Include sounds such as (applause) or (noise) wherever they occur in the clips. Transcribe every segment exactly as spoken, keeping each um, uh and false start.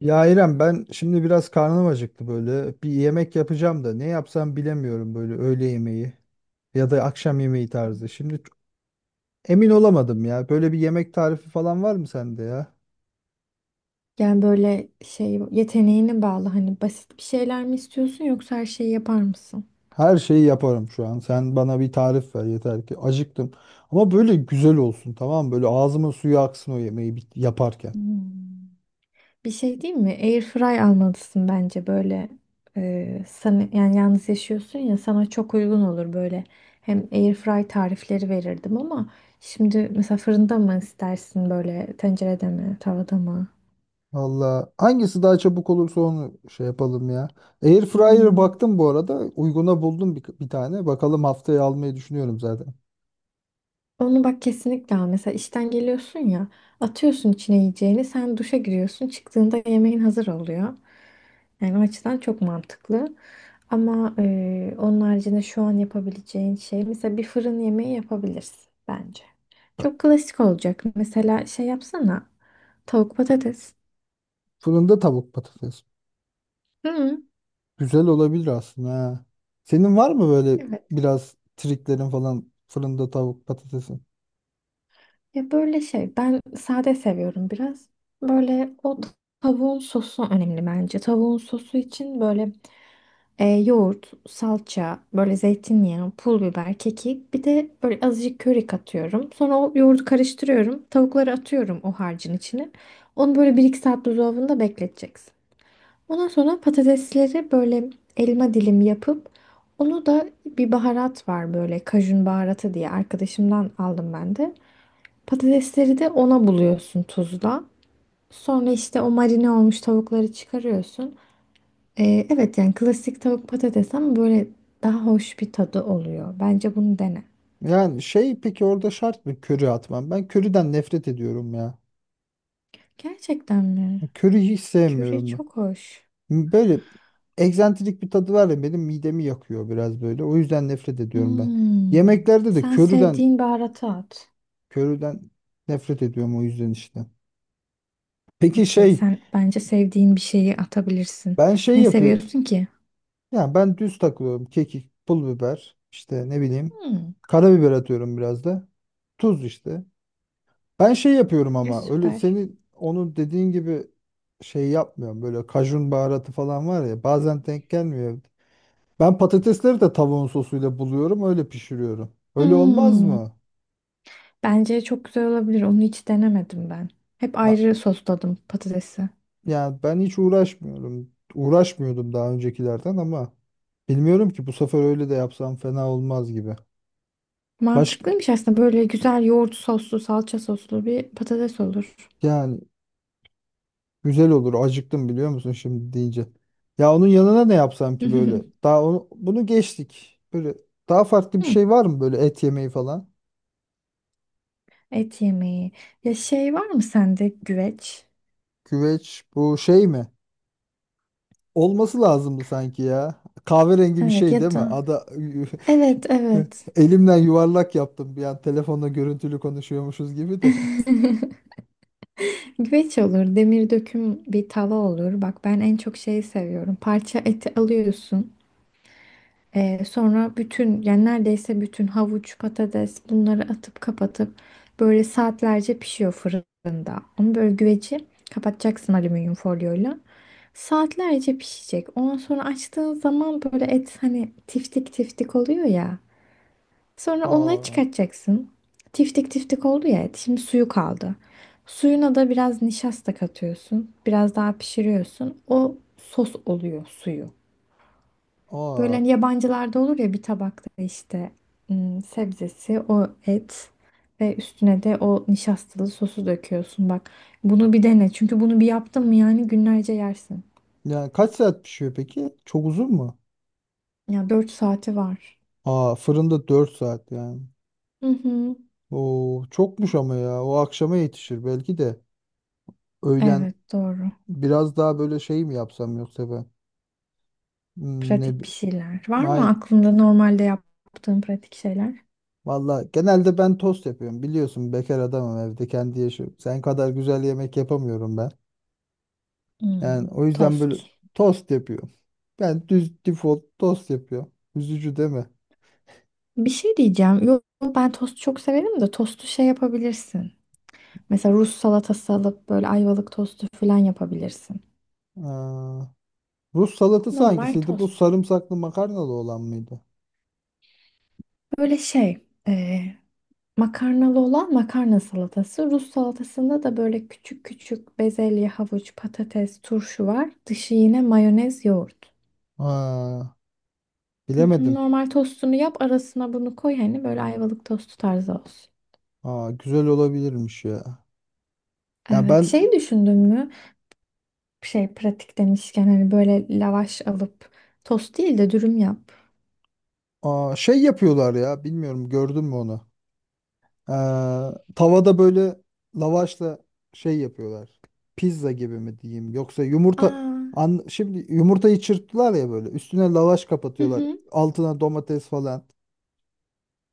Ya İrem ben şimdi biraz karnım acıktı böyle. Bir yemek yapacağım da ne yapsam bilemiyorum böyle öğle yemeği ya da akşam yemeği tarzı. Şimdi ç- emin olamadım ya. Böyle bir yemek tarifi falan var mı sende ya? Yani böyle şey yeteneğine bağlı hani basit bir şeyler mi istiyorsun yoksa her şeyi yapar mısın? Her şeyi yaparım şu an. Sen bana bir tarif ver yeter ki acıktım. Ama böyle güzel olsun tamam mı? Böyle ağzımın suyu aksın o yemeği bit- yaparken. Hmm. Bir şey değil mi? Airfry almalısın bence böyle e, sana yani yalnız yaşıyorsun ya sana çok uygun olur böyle. Hem airfry tarifleri verirdim ama şimdi mesela fırında mı istersin böyle tencerede mi tavada mı? Valla hangisi daha çabuk olursa onu şey yapalım ya. Air fryer Hmm. baktım bu arada. Uyguna buldum bir, bir tane. Bakalım haftaya almayı düşünüyorum zaten. Onu bak kesinlikle al. Mesela işten geliyorsun ya, atıyorsun içine yiyeceğini, sen duşa giriyorsun, çıktığında yemeğin hazır oluyor. Yani o açıdan çok mantıklı. Ama e, onun haricinde şu an yapabileceğin şey, mesela bir fırın yemeği yapabilirsin bence. Çok klasik olacak. Mesela şey yapsana, tavuk patates. Fırında tavuk patates. Hı, Güzel olabilir aslında ha. Senin var mı böyle evet. biraz triklerin falan fırında tavuk patatesin? Ya böyle şey, ben sade seviyorum biraz. Böyle o tavuğun sosu önemli bence. Tavuğun sosu için böyle E, yoğurt, salça, böyle zeytinyağı, pul biber, kekik. Bir de böyle azıcık köri katıyorum. Sonra o yoğurdu karıştırıyorum. Tavukları atıyorum o harcın içine. Onu böyle bir iki saat buzdolabında bekleteceksin. Ondan sonra patatesleri böyle elma dilimi yapıp onu da bir baharat var böyle kajun baharatı diye arkadaşımdan aldım ben de. Patatesleri de ona buluyorsun tuzla. Sonra işte o marine olmuş tavukları çıkarıyorsun. Ee, evet yani klasik tavuk patates ama böyle daha hoş bir tadı oluyor. Bence bunu dene. Yani şey peki orada şart mı köri atmam? Ben köriden nefret ediyorum ya. Gerçekten mi? Köriyi hiç Köri sevmiyorum ben. çok hoş. Böyle egzantrik bir tadı var ya benim midemi yakıyor biraz böyle. O yüzden nefret ediyorum ben. Hmm. Yemeklerde de Sen köriden sevdiğin baharatı at. köriden nefret ediyorum o yüzden işte. Peki Okey, şey sen bence sevdiğin bir şeyi atabilirsin. ben şey Ne yapıyor. seviyorsun ki? Yani ben düz takılıyorum. Kekik, pul biber, işte ne bileyim. Hmm. Karabiber atıyorum biraz da. Tuz işte. Ben şey yapıyorum E, ama öyle süper. senin onu dediğin gibi şey yapmıyorum. Böyle kajun baharatı falan var ya bazen denk gelmiyor. Ben patatesleri de tavuğun sosuyla buluyorum öyle pişiriyorum. Öyle olmaz Hmm. mı? Bence çok güzel olabilir. Onu hiç denemedim ben. Hep Ha, ayrı sosladım patatesi. yani ben hiç uğraşmıyorum. Uğraşmıyordum daha öncekilerden ama bilmiyorum ki bu sefer öyle de yapsam fena olmaz gibi. Baş Mantıklıymış aslında. Böyle güzel yoğurt soslu, salça soslu bir patates olur. yani. Güzel olur. Acıktım biliyor musun şimdi deyince. Ya onun yanına ne yapsam ki böyle? (laughs) Daha onu, bunu geçtik. Böyle daha farklı bir Hmm. şey var mı böyle et yemeği falan? Et yemeği. Ya şey var mı sende güveç? Güveç bu şey mi? Olması lazımdı sanki ya. Kahverengi bir Evet şey değil ya mi? da Ada evet evet. (laughs) elimden yuvarlak yaptım bir an telefonla görüntülü konuşuyormuşuz gibi de. (laughs) Güveç olur, demir döküm bir tava olur. Bak ben en çok şeyi seviyorum. Parça eti alıyorsun. Ee, sonra bütün yani neredeyse bütün havuç, patates bunları atıp kapatıp böyle saatlerce pişiyor fırında. Onu böyle güveci kapatacaksın alüminyum folyoyla. Saatlerce pişecek. Ondan sonra açtığın zaman böyle et hani tiftik tiftik oluyor ya. (laughs) Sonra Aa, onları çıkartacaksın. Tiftik tiftik oldu ya et. Şimdi suyu kaldı. Suyuna da biraz nişasta katıyorsun. Biraz daha pişiriyorsun. O sos oluyor suyu. Böyle aa. hani yabancılarda olur ya bir tabakta işte ım, sebzesi, o et ve üstüne de o nişastalı sosu döküyorsun. Bak bunu bir dene. Çünkü bunu bir yaptın mı yani günlerce yersin. Yani kaç saat pişiyor peki? Çok uzun mu? Ya dört saati var. Aa, fırında dört saat yani. Hı hı. Oo, çokmuş ama ya. O akşama yetişir belki de. Öğlen Evet doğru. biraz daha böyle şey mi yapsam yoksa ben? Hmm, ne Pratik bir bi- şeyler. Var mı Ay, aklında normalde yaptığın pratik şeyler? valla genelde ben tost yapıyorum. Biliyorsun bekar adamım evde kendi yaşıyorum. Sen kadar güzel yemek yapamıyorum ben. Hmm, Yani o yüzden böyle tost. tost yapıyorum. Ben düz default tost yapıyorum. Üzücü değil mi? Bir şey diyeceğim. Yok ben tost çok severim de tostu şey yapabilirsin. Mesela Rus salatası alıp böyle ayvalık tostu falan yapabilirsin. Aa, Rus salatası Normal hangisiydi? Bu tost. sarımsaklı makarnalı olan mıydı? Böyle şey e, makarnalı olan makarna salatası. Rus salatasında da böyle küçük küçük bezelye, havuç, patates, turşu var. Dışı yine mayonez, yoğurt. Aa, Hı hı. bilemedim. Normal tostunu yap arasına bunu koy hani böyle ayvalık tostu tarzı olsun. Aa, güzel olabilirmiş ya. Ya Evet, ben şey düşündün mü? Şey pratik demişken hani böyle lavaş alıp tost değil de dürüm yap. aa, şey yapıyorlar ya bilmiyorum gördün mü onu? Ee, tavada böyle lavaşla şey yapıyorlar. Pizza gibi mi diyeyim yoksa yumurta Aa, an, şimdi yumurtayı çırptılar ya böyle üstüne lavaş hı kapatıyorlar. hı. Altına domates falan.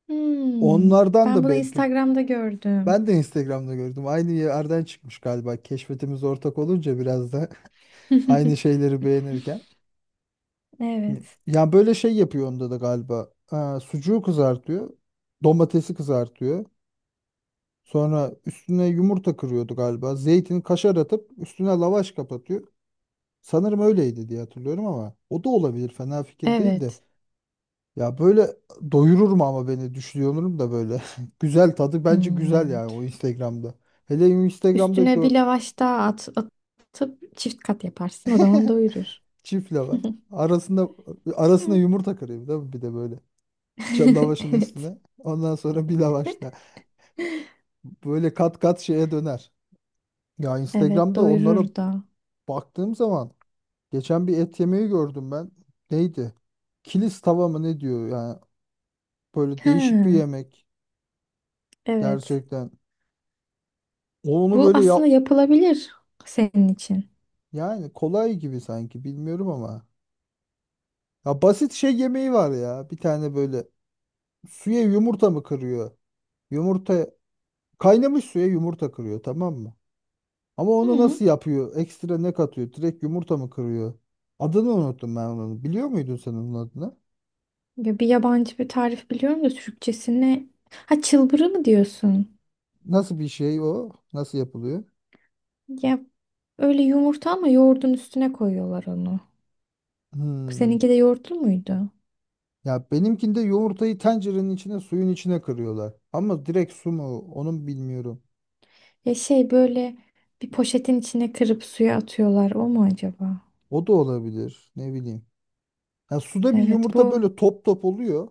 Hmm. Onlardan Ben da bunu belki Instagram'da gördüm. ben de Instagram'da gördüm. Aynı yerden çıkmış galiba. Keşfetimiz ortak olunca biraz da (laughs) aynı (laughs) şeyleri beğenirken. Evet. Ya böyle şey yapıyor onda da galiba. Ee, sucuğu kızartıyor. Domatesi kızartıyor. Sonra üstüne yumurta kırıyordu galiba. Zeytin kaşar atıp üstüne lavaş kapatıyor. Sanırım öyleydi diye hatırlıyorum ama o da olabilir. Fena fikir değil de. Evet. Ya böyle doyurur mu ama beni düşünüyorum da böyle. (laughs) Güzel tadı bence güzel Hmm. yani o Instagram'da. Hele Instagram'da Üstüne bir gör. lavaş daha at, atıp çift kat yaparsın. O zaman (laughs) doyurur. çift lavaş. Arasında arasına Hı. yumurta kırıyor değil mi? Bir de böyle. Ç- (laughs) Lavaşın Evet. üstüne. Ondan sonra bir lavaş daha. Böyle kat kat şeye döner. Ya Evet, Instagram'da onlara doyurur da. baktığım zaman. Geçen bir et yemeği gördüm ben. Neydi? Kilis tava mı ne diyor yani. Böyle değişik bir Ha, yemek. evet. Gerçekten. Onu Bu böyle aslında yap. yapılabilir senin için. Yani kolay gibi sanki bilmiyorum ama. Ya basit şey yemeği var ya. Bir tane böyle suya yumurta mı kırıyor? Yumurta kaynamış suya yumurta kırıyor tamam mı? Ama onu Hı. nasıl yapıyor? Ekstra ne katıyor? Direkt yumurta mı kırıyor? Adını unuttum ben onun. Biliyor muydun sen onun adını? Ya bir yabancı bir tarif biliyorum da Türkçesine. Ha çılbırı mı diyorsun? Nasıl bir şey o? Nasıl yapılıyor? Ya öyle yumurta ama yoğurdun üstüne koyuyorlar onu. Hmm. Seninki de yoğurtlu muydu? Ya benimkinde yumurtayı tencerenin içine suyun içine kırıyorlar. Ama direkt su mu onun bilmiyorum. Ya şey böyle bir poşetin içine kırıp suya atıyorlar o mu acaba? O da olabilir ne bileyim. Ya suda bir Evet yumurta bu. böyle top top oluyor.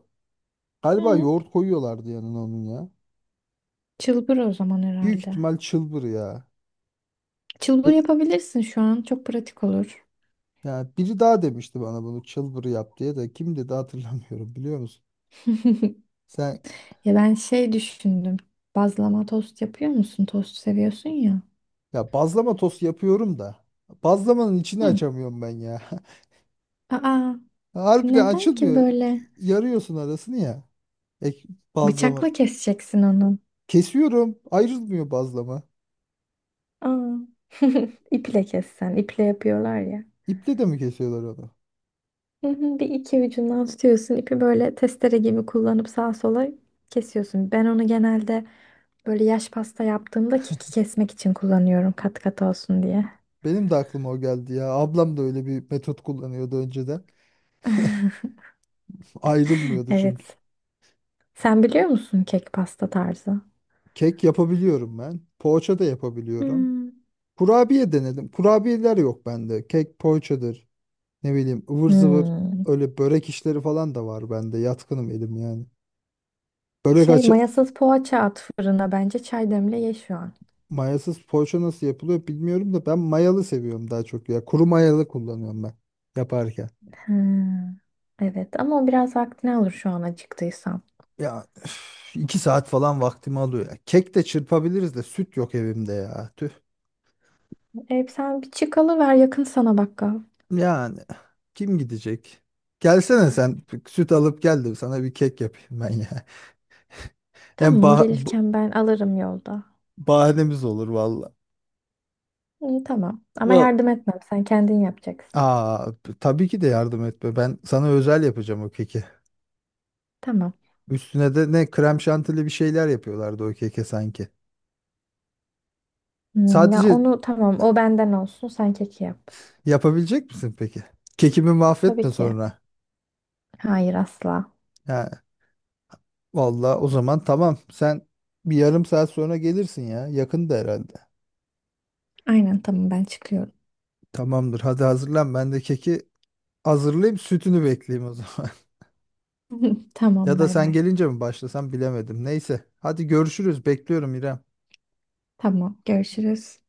Galiba Hı. yoğurt koyuyorlardı yanına onun ya. Çılbır o zaman Büyük herhalde. ihtimal çılbır ya. Çılbır Bir, yapabilirsin şu an çok pratik olur. ya biri daha demişti bana bunu çılbır yap diye de kim dedi hatırlamıyorum biliyor musun? (laughs) Sen Ya ben şey düşündüm. Bazlama tost yapıyor musun? Tost seviyorsun ya. ya bazlama tost yapıyorum da bazlamanın içini Hı. açamıyorum ben ya. Aa, (laughs) Harbiden neden ki açılmıyor. böyle? Yarıyorsun arasını ya. Ek, bazlama. Bıçakla keseceksin onu. Kesiyorum. Ayrılmıyor bazlama. Aa. (laughs) İple kessen. İple yapıyorlar ya. İple de mi kesiyorlar onu? Hı hı. Bir iki ucundan tutuyorsun. İpi böyle testere gibi kullanıp sağa sola kesiyorsun. Ben onu genelde böyle yaş pasta yaptığımda keki kesmek için kullanıyorum kat kat olsun diye. Benim de aklıma o geldi ya. Ablam da öyle bir metot kullanıyordu önceden. (laughs) Ayrılmıyordu çünkü. Evet. Sen biliyor musun kek pasta tarzı? Kek yapabiliyorum ben. Poğaça da yapabiliyorum. Hmm. Kurabiye denedim. Kurabiyeler yok bende. Kek, poğaçadır. Ne bileyim ıvır zıvır Hmm. öyle börek işleri falan da var bende. Yatkınım elim yani. Börek Şey açı mayasız poğaça at fırına bence çay demle ye şu an. mayasız poğaça nasıl yapılıyor bilmiyorum da ben mayalı seviyorum daha çok ya. Kuru mayalı kullanıyorum ben yaparken. Hmm. Evet ama o biraz vaktini alır şu an acıktıysan. Ya üf, iki saat falan vaktimi alıyor ya. Kek de çırpabiliriz de süt yok evimde ya. Tüh. E, sen bir çık alıver yakın sana bakkal. Yani kim gidecek? Gelsene sen süt alıp gel de sana bir kek yapayım ben ya. Hem Tamam bah bu- gelirken ben alırım yolda. bahanemiz olur valla. İyi tamam ama Va- yardım etmem sen kendin yapacaksın. Aa, tabii ki de yardım etme. Ben sana özel yapacağım o keki. Tamam. Üstüne de ne krem şantili bir şeyler yapıyorlardı o keke sanki. Hmm, ya Sadece onu tamam o benden olsun sen keki yap. yapabilecek misin peki? Kekimi Tabii mahvetme ki. sonra. Hayır asla. Vallahi o zaman tamam. Sen bir yarım saat sonra gelirsin ya. Yakında herhalde. Aynen tamam ben çıkıyorum. Tamamdır. Hadi hazırlan. Ben de keki hazırlayayım. Sütünü bekleyeyim o zaman. (laughs) (laughs) Tamam Ya da bay sen bay. gelince mi başlasam bilemedim. Neyse. Hadi görüşürüz. Bekliyorum İrem. Tamam görüşürüz.